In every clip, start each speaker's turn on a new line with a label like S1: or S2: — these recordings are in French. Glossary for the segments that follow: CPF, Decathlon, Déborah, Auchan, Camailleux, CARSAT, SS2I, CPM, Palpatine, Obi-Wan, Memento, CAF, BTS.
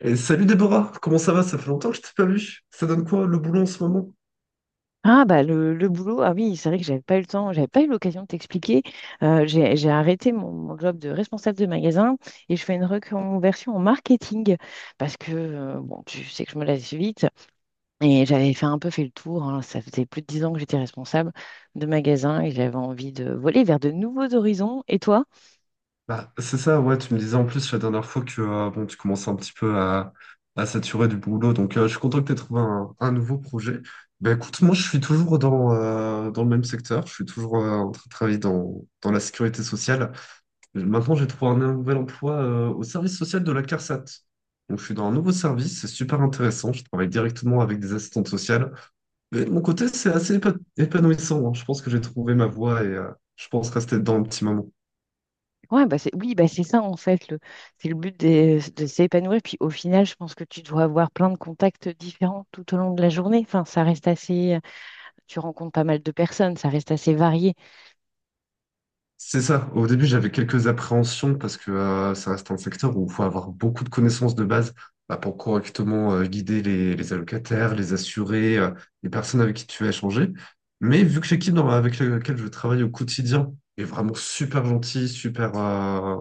S1: Et salut Déborah, comment ça va? Ça fait longtemps que je t'ai pas vu. Ça donne quoi le boulot en ce moment?
S2: Ah bah le boulot, ah oui, c'est vrai que j'avais pas eu le temps, j'avais pas eu l'occasion de t'expliquer. J'ai arrêté mon job de responsable de magasin et je fais une reconversion en marketing parce que bon, tu sais que je me lasse vite et j'avais fait un peu fait le tour, hein. Ça faisait plus de 10 ans que j'étais responsable de magasin et j'avais envie de voler vers de nouveaux horizons. Et toi?
S1: Bah, c'est ça, ouais, tu me disais en plus la dernière fois que bon, tu commençais un petit peu à saturer du boulot, donc je suis content que tu aies trouvé un nouveau projet. Bah écoute, moi je suis toujours dans le même secteur, je suis toujours en train de travailler dans la sécurité sociale. Maintenant j'ai trouvé un nouvel emploi au service social de la CARSAT. Donc je suis dans un nouveau service, c'est super intéressant, je travaille directement avec des assistantes sociales. Mais de mon côté, c'est assez épanouissant, hein. Je pense que j'ai trouvé ma voie et je pense rester dedans un petit moment.
S2: Ouais, oui, bah c'est ça en fait, c'est le but de s'épanouir. Puis au final, je pense que tu dois avoir plein de contacts différents tout au long de la journée. Enfin, ça reste assez. Tu rencontres pas mal de personnes, ça reste assez varié.
S1: C'est ça. Au début, j'avais quelques appréhensions parce que ça reste un secteur où il faut avoir beaucoup de connaissances de base bah, pour correctement guider les allocataires, les assurés, les personnes avec qui tu vas échanger. Mais vu que l'équipe avec laquelle je travaille au quotidien est vraiment super gentille, super,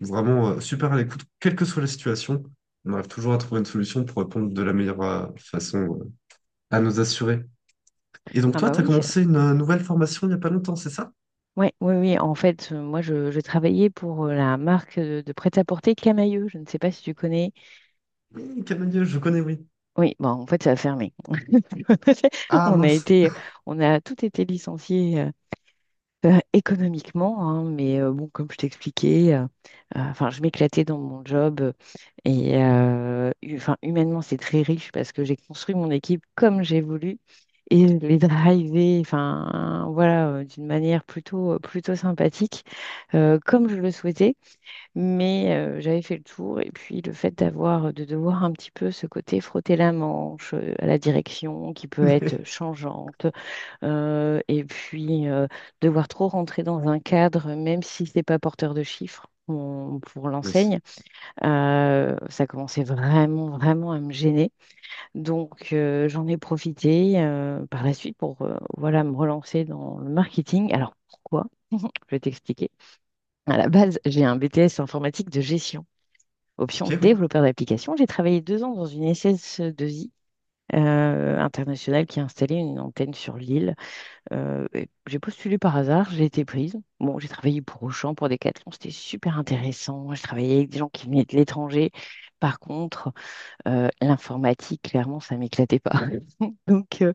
S1: vraiment super à l'écoute, quelle que soit la situation, on arrive toujours à trouver une solution pour répondre de la meilleure façon à nos assurés. Et donc
S2: Ah
S1: toi,
S2: bah
S1: tu as
S2: oui,
S1: commencé une nouvelle formation il n'y a pas longtemps, c'est ça?
S2: ouais, oui. En fait, moi, je travaillais pour la marque de prêt-à-porter Camailleux. Je ne sais pas si tu connais.
S1: Oui, Canadieux, je connais, oui.
S2: Oui, bon, en fait, ça a fermé.
S1: Ah
S2: On a
S1: mince.
S2: on a tout été licencié. Euh, Économiquement, hein, mais bon, comme je t'expliquais, enfin, je m'éclatais dans mon job et enfin, humainement, c'est très riche parce que j'ai construit mon équipe comme j'ai voulu et je l'ai drivée, enfin, voilà, d'une manière plutôt sympathique, comme je le souhaitais, mais j'avais fait le tour et puis le fait d'avoir, de devoir un petit peu ce côté frotter la manche à la direction qui peut être changeante euh, et puis, euh, devoir trop rentrer dans un cadre, même si ce n'est pas porteur de chiffres pour
S1: Oui.
S2: l'enseigne, ça commençait vraiment, vraiment à me gêner. Donc, j'en ai profité par la suite pour voilà, me relancer dans le marketing. Alors, pourquoi? Je vais t'expliquer. À la base, j'ai un BTS informatique de gestion,
S1: Ok,
S2: option
S1: oui.
S2: développeur d'application. J'ai travaillé 2 ans dans une SS2I internationale qui a installé une antenne sur l'île. Et j'ai postulé par hasard, j'ai été prise. Bon, j'ai travaillé pour Auchan, pour Decathlon, c'était super intéressant. Je travaillais avec des gens qui venaient de l'étranger. Par contre, l'informatique, clairement, ça m'éclatait pas. Donc,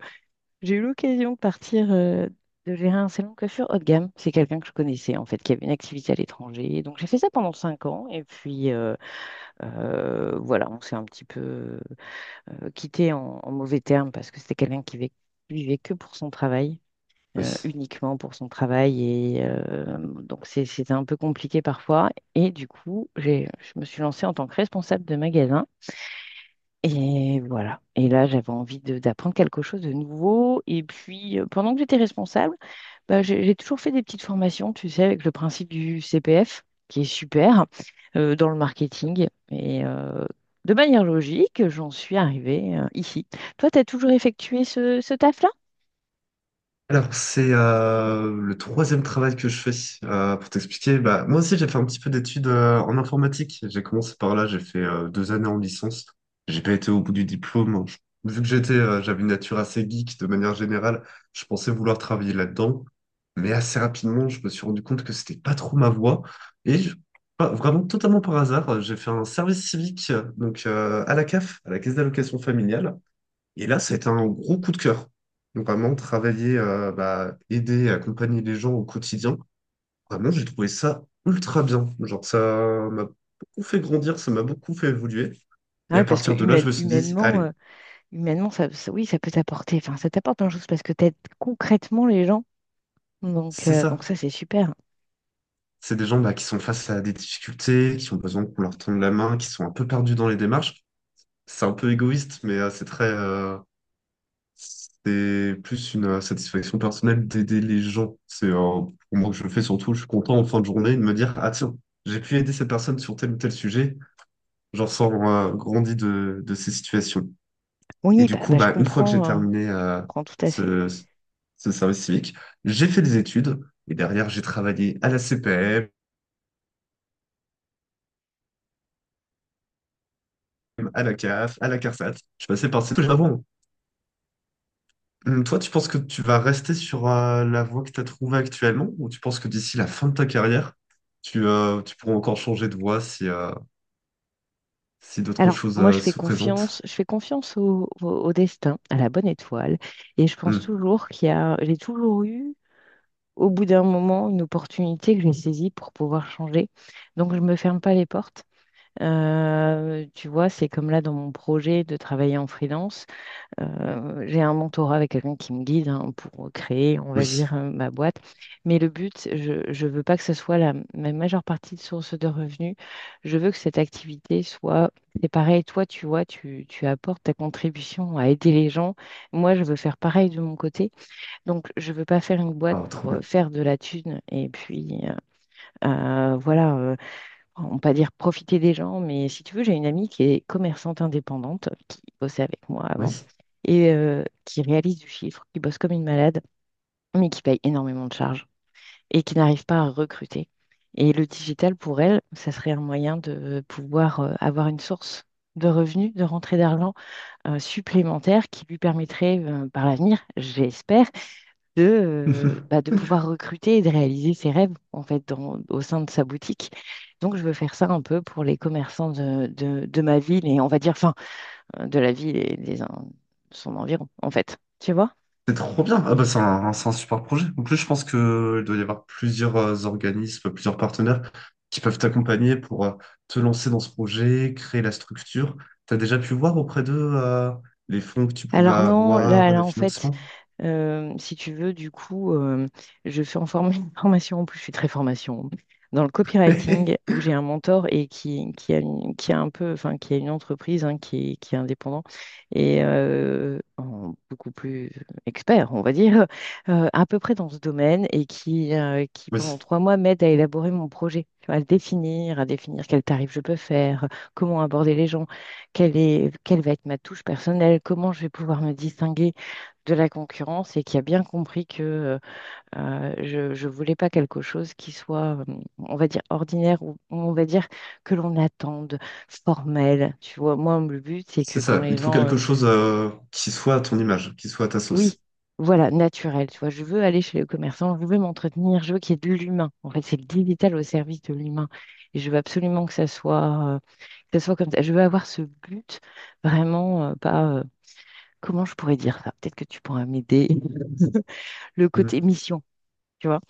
S2: j'ai eu l'occasion de partir, de gérer un salon de coiffure haut de gamme. C'est quelqu'un que je connaissais, en fait, qui avait une activité à l'étranger. Donc, j'ai fait ça pendant 5 ans. Et puis, voilà, on s'est un petit peu quitté en mauvais termes parce que c'était quelqu'un qui vivait que pour son travail,
S1: Oui.
S2: uniquement pour son travail. Et donc, c'était un peu compliqué parfois. Et du coup, je me suis lancée en tant que responsable de magasin. Et voilà. Et là, j'avais envie d'apprendre quelque chose de nouveau. Et puis, pendant que j'étais responsable, bah, j'ai toujours fait des petites formations, tu sais, avec le principe du CPF, qui est super, dans le marketing. Et de manière logique, j'en suis arrivée ici. Toi, tu as toujours effectué ce taf-là?
S1: Alors, c'est le troisième travail que je fais. Pour t'expliquer, bah, moi aussi, j'ai fait un petit peu d'études en informatique. J'ai commencé par là, j'ai fait 2 années en licence. J'ai pas été au bout du diplôme. J'avais une nature assez geek de manière générale, je pensais vouloir travailler là-dedans. Mais assez rapidement, je me suis rendu compte que c'était pas trop ma voie. Et je- vraiment, totalement par hasard, j'ai fait un service civique donc à la CAF, à la Caisse d'allocation familiale. Et là, ça a été un gros coup de cœur. Donc, vraiment, travailler, bah, aider, accompagner les gens au quotidien. Vraiment, j'ai trouvé ça ultra bien. Genre, ça m'a beaucoup fait grandir, ça m'a beaucoup fait évoluer.
S2: Ah
S1: Et à
S2: oui, parce que
S1: partir de là, je me suis dit,
S2: humainement,
S1: allez,
S2: humainement ça, oui, ça peut t'apporter, enfin, ça t'apporte plein de choses parce que tu aides concrètement les gens.
S1: c'est
S2: Donc
S1: ça.
S2: ça, c'est super.
S1: C'est des gens bah, qui sont face à des difficultés, qui ont besoin qu'on leur tende la main, qui sont un peu perdus dans les démarches. C'est un peu égoïste, mais c'est plus une satisfaction personnelle d'aider les gens. C'est pour moi que je le fais surtout. Je suis content en fin de journée de me dire, ah tiens, j'ai pu aider cette personne sur tel ou tel sujet. J'en sors grandi de ces situations. Et
S2: Oui,
S1: du coup, bah, une fois que j'ai
S2: je
S1: terminé
S2: comprends tout à fait.
S1: ce, ce service civique, j'ai fait des études et derrière, j'ai travaillé à la CPM, à la CAF, à la CARSAT. Je suis passé par ces choses avant. Toi, tu penses que tu vas rester sur la voie que tu as trouvée actuellement ou tu penses que d'ici la fin de ta carrière, tu pourras encore changer de voie si d'autres
S2: Alors,
S1: choses
S2: moi,
S1: euh, se présentent?
S2: je fais confiance au destin, à la bonne étoile, et je pense
S1: Hum.
S2: toujours qu'il y a, j'ai toujours eu, au bout d'un moment, une opportunité que j'ai saisie pour pouvoir changer. Donc, je ne me ferme pas les portes. Tu vois, c'est comme là dans mon projet de travailler en freelance. J'ai un mentorat avec quelqu'un qui me guide hein, pour créer, on va dire,
S1: Oui.
S2: ma boîte. Mais le but, je ne veux pas que ce soit ma majeure partie de source de revenus. Je veux que cette activité soit, c'est pareil, toi, tu vois, tu apportes ta contribution à aider les gens. Moi, je veux faire pareil de mon côté. Donc, je ne veux pas faire une boîte
S1: Ah, trop
S2: pour
S1: bien.
S2: faire de la thune et puis, voilà, enfin, on pas dire profiter des gens, mais si tu veux, j'ai une amie qui est commerçante indépendante, qui bossait avec moi
S1: Oui.
S2: avant, et qui réalise du chiffre, qui bosse comme une malade, mais qui paye énormément de charges et qui n'arrive pas à recruter. Et le digital, pour elle, ça serait un moyen de pouvoir avoir une source de revenus, de rentrée d'argent supplémentaire qui lui permettrait par l'avenir, j'espère, de, bah, de pouvoir recruter et de réaliser ses rêves en fait au sein de sa boutique. Donc je veux faire ça un peu pour les commerçants de ma ville et on va dire, enfin, de la ville et son environ en fait. Tu vois?
S1: C'est trop bien. Ah bah, c'est un super projet. En plus, je pense qu'il doit y avoir plusieurs organismes, plusieurs partenaires qui peuvent t'accompagner pour te lancer dans ce projet, créer la structure. Tu as déjà pu voir auprès d'eux les fonds que tu pouvais
S2: Alors non,
S1: avoir,
S2: là
S1: les
S2: en fait,
S1: financements?
S2: si tu veux, du coup, je fais une formation, en plus je suis très formation, dans le copywriting, où j'ai un mentor et qui a, qui a un peu, enfin, qui a une entreprise hein, qui est indépendant et beaucoup plus expert, on va dire, à peu près dans ce domaine et qui
S1: Oui.
S2: pendant 3 mois m'aide à élaborer mon projet, tu vois, à le définir, à définir quel tarif je peux faire, comment aborder les gens, quelle va être ma touche personnelle, comment je vais pouvoir me distinguer de la concurrence et qui a bien compris que je voulais pas quelque chose qui soit, on va dire, ordinaire ou on va dire que l'on attende, formel. Tu vois, moi, le but, c'est
S1: C'est
S2: que quand
S1: ça, il
S2: les
S1: te faut
S2: gens,
S1: quelque chose qui soit à ton image, qui soit à ta sauce.
S2: oui, voilà, naturel, tu vois, je veux aller chez les commerçants, je veux m'entretenir, je veux qu'il y ait de l'humain. En fait, c'est le digital au service de l'humain. Et je veux absolument que ça soit comme ça. Je veux avoir ce but vraiment, pas, comment je pourrais dire ça? Peut-être que tu pourras m'aider. Le côté
S1: Mm.
S2: mission, tu vois.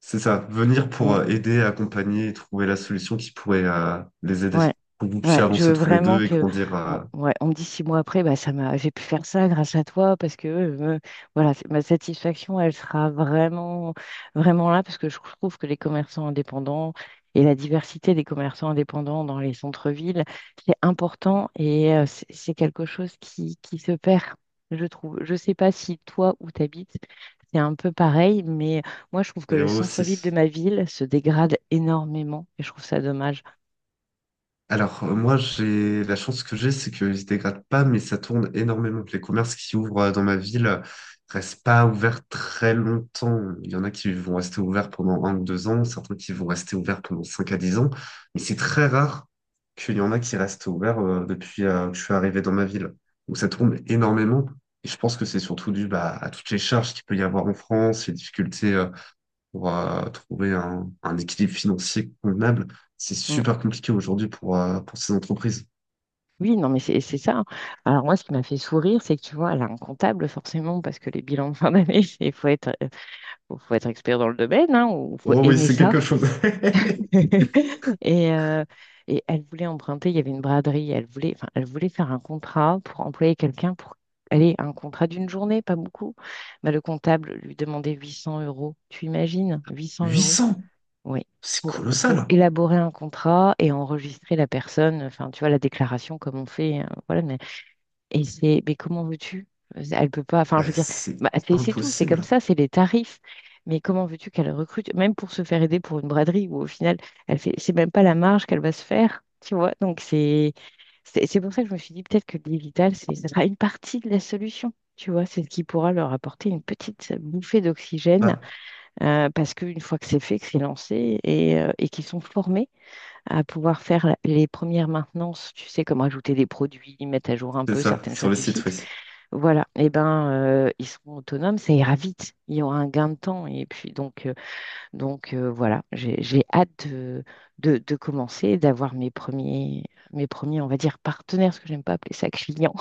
S1: C'est ça, venir pour
S2: On,
S1: euh, aider, accompagner et trouver la solution qui pourrait les aider,
S2: Ouais,
S1: pour que vous
S2: ouais,
S1: puissiez
S2: je
S1: avancer
S2: veux
S1: tous les
S2: vraiment
S1: deux et
S2: que,
S1: grandir euh,
S2: ouais, on me dit 6 mois après, bah ça m'a, j'ai pu faire ça grâce à toi parce que, voilà, ma satisfaction, elle sera vraiment là parce que je trouve que les commerçants indépendants et la diversité des commerçants indépendants dans les centres-villes, c'est important et c'est quelque chose qui se perd, je trouve. Je sais pas si toi où t'habites, c'est un peu pareil, mais moi je trouve que
S1: et eux
S2: le centre-ville de
S1: aussi.
S2: ma ville se dégrade énormément et je trouve ça dommage.
S1: Alors, moi, j'ai la chance que j'ai, c'est qu'ils ne se dégradent pas, mais ça tourne énormément. Les commerces qui ouvrent dans ma ville restent pas ouverts très longtemps. Il y en a qui vont rester ouverts pendant 1 ou 2 ans, certains qui vont rester ouverts pendant 5 à 10 ans, mais c'est très rare qu'il y en a qui restent ouverts depuis que je suis arrivé dans ma ville. Donc, ça tourne énormément. Et je pense que c'est surtout dû bah, à toutes les charges qu'il peut y avoir en France, les difficultés pour trouver un équilibre financier convenable, c'est
S2: Mm.
S1: super compliqué aujourd'hui pour ces entreprises.
S2: Oui, non, mais c'est ça, hein. Alors moi, ce qui m'a fait sourire, c'est que tu vois, elle a un comptable forcément, parce que les bilans de fin d'année, faut être expert dans le domaine, hein, ou faut
S1: Oh oui,
S2: aimer
S1: c'est quelque
S2: ça.
S1: chose.
S2: Et, euh, et elle voulait emprunter, il y avait une braderie, enfin, elle voulait faire un contrat pour employer quelqu'un pour aller, un contrat d'une journée, pas beaucoup. Bah, le comptable lui demandait 800 euros. Tu imagines, 800
S1: Huit
S2: euros?
S1: cents,
S2: Oui.
S1: c'est
S2: Pour, pour
S1: colossal.
S2: élaborer un contrat et enregistrer la personne, enfin, tu vois, la déclaration comme on fait, voilà, et c'est, mais comment veux-tu? Elle peut pas, enfin, je
S1: Bah,
S2: veux dire,
S1: c'est
S2: bah, c'est tout, c'est comme
S1: impossible.
S2: ça, c'est les tarifs. Mais comment veux-tu qu'elle recrute, même pour se faire aider pour une braderie, où au final, elle fait, c'est même pas la marge qu'elle va se faire, tu vois? Donc, c'est pour ça que je me suis dit, peut-être que le digital, ça sera une partie de la solution, tu vois? C'est ce qui pourra leur apporter une petite bouffée d'oxygène,
S1: Bah,
S2: parce qu'une fois que c'est fait, que c'est lancé, et qu'ils sont formés à pouvoir faire les premières maintenances, tu sais, comme rajouter des produits, mettre à jour un
S1: c'est
S2: peu
S1: ça,
S2: certaines
S1: sur
S2: choses
S1: le
S2: du
S1: site, oui.
S2: site, voilà, eh ben, ils seront autonomes, ça ira vite, il y aura un gain de temps. Et puis donc, voilà, j'ai hâte de commencer, d'avoir mes premiers, on va dire, partenaires, parce que j'aime pas appeler ça clients.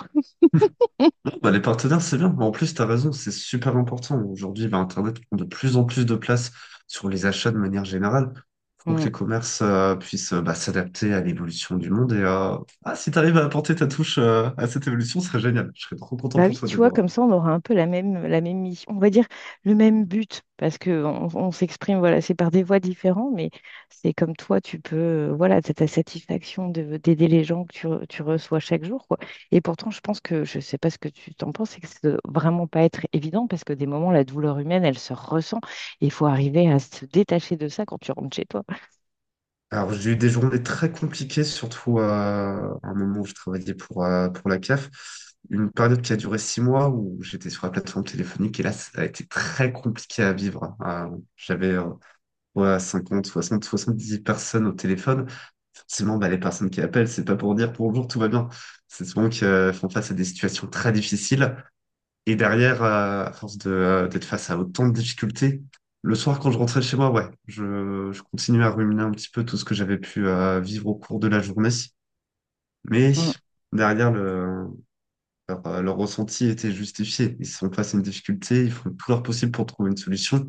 S1: Bon, bah, les partenaires, c'est bien. En plus, tu as raison, c'est super important. Aujourd'hui, bah, Internet prend de plus en plus de place sur les achats de manière générale. Il faut que les commerces puissent bah, s'adapter à l'évolution du monde. Et ah, si tu arrives à apporter ta touche à cette évolution, ce serait génial. Je serais trop content
S2: Bah
S1: pour
S2: oui,
S1: toi,
S2: tu vois,
S1: Déborah.
S2: comme ça, on aura un peu la même mission, on va dire le même but, parce que on s'exprime, voilà, c'est par des voies différentes, mais c'est comme toi, tu peux, voilà, t'as ta satisfaction de, d'aider les gens que tu reçois chaque jour, quoi. Et pourtant, je pense que, je sais pas ce que tu t'en penses, c'est que ça doit vraiment pas être évident, parce que des moments, la douleur humaine, elle se ressent, et il faut arriver à se détacher de ça quand tu rentres chez toi.
S1: Alors, j'ai eu des journées très compliquées, surtout à un moment où je travaillais pour la CAF. Une période qui a duré 6 mois où j'étais sur la plateforme téléphonique et là, ça a été très compliqué à vivre. J'avais ouais, 50, 60, 70 personnes au téléphone. Forcément, bah, les personnes qui appellent, c'est pas pour dire bonjour, tout va bien. C'est souvent qu'elles font face à des situations très difficiles. Et derrière, à force d'être face à autant de difficultés, le soir, quand je rentrais chez moi, ouais, je continuais à ruminer un petit peu tout ce que j'avais pu vivre au cours de la journée. Mais derrière, leur ressenti était justifié. Ils sont face à une difficulté, ils font tout leur possible pour trouver une solution.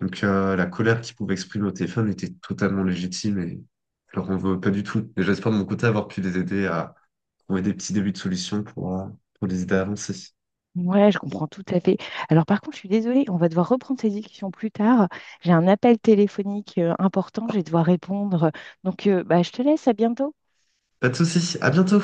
S1: Donc la colère qu'il pouvait exprimer au téléphone était totalement légitime et je leur en veux pas du tout. Et j'espère de mon côté avoir pu les aider à trouver des petits débuts de solutions pour les aider à avancer.
S2: Ouais, je comprends tout à fait. Alors par contre, je suis désolée, on va devoir reprendre ces discussions plus tard. J'ai un appel téléphonique important, je vais devoir répondre. Donc, bah, je te laisse, à bientôt.
S1: Pas de soucis, à bientôt!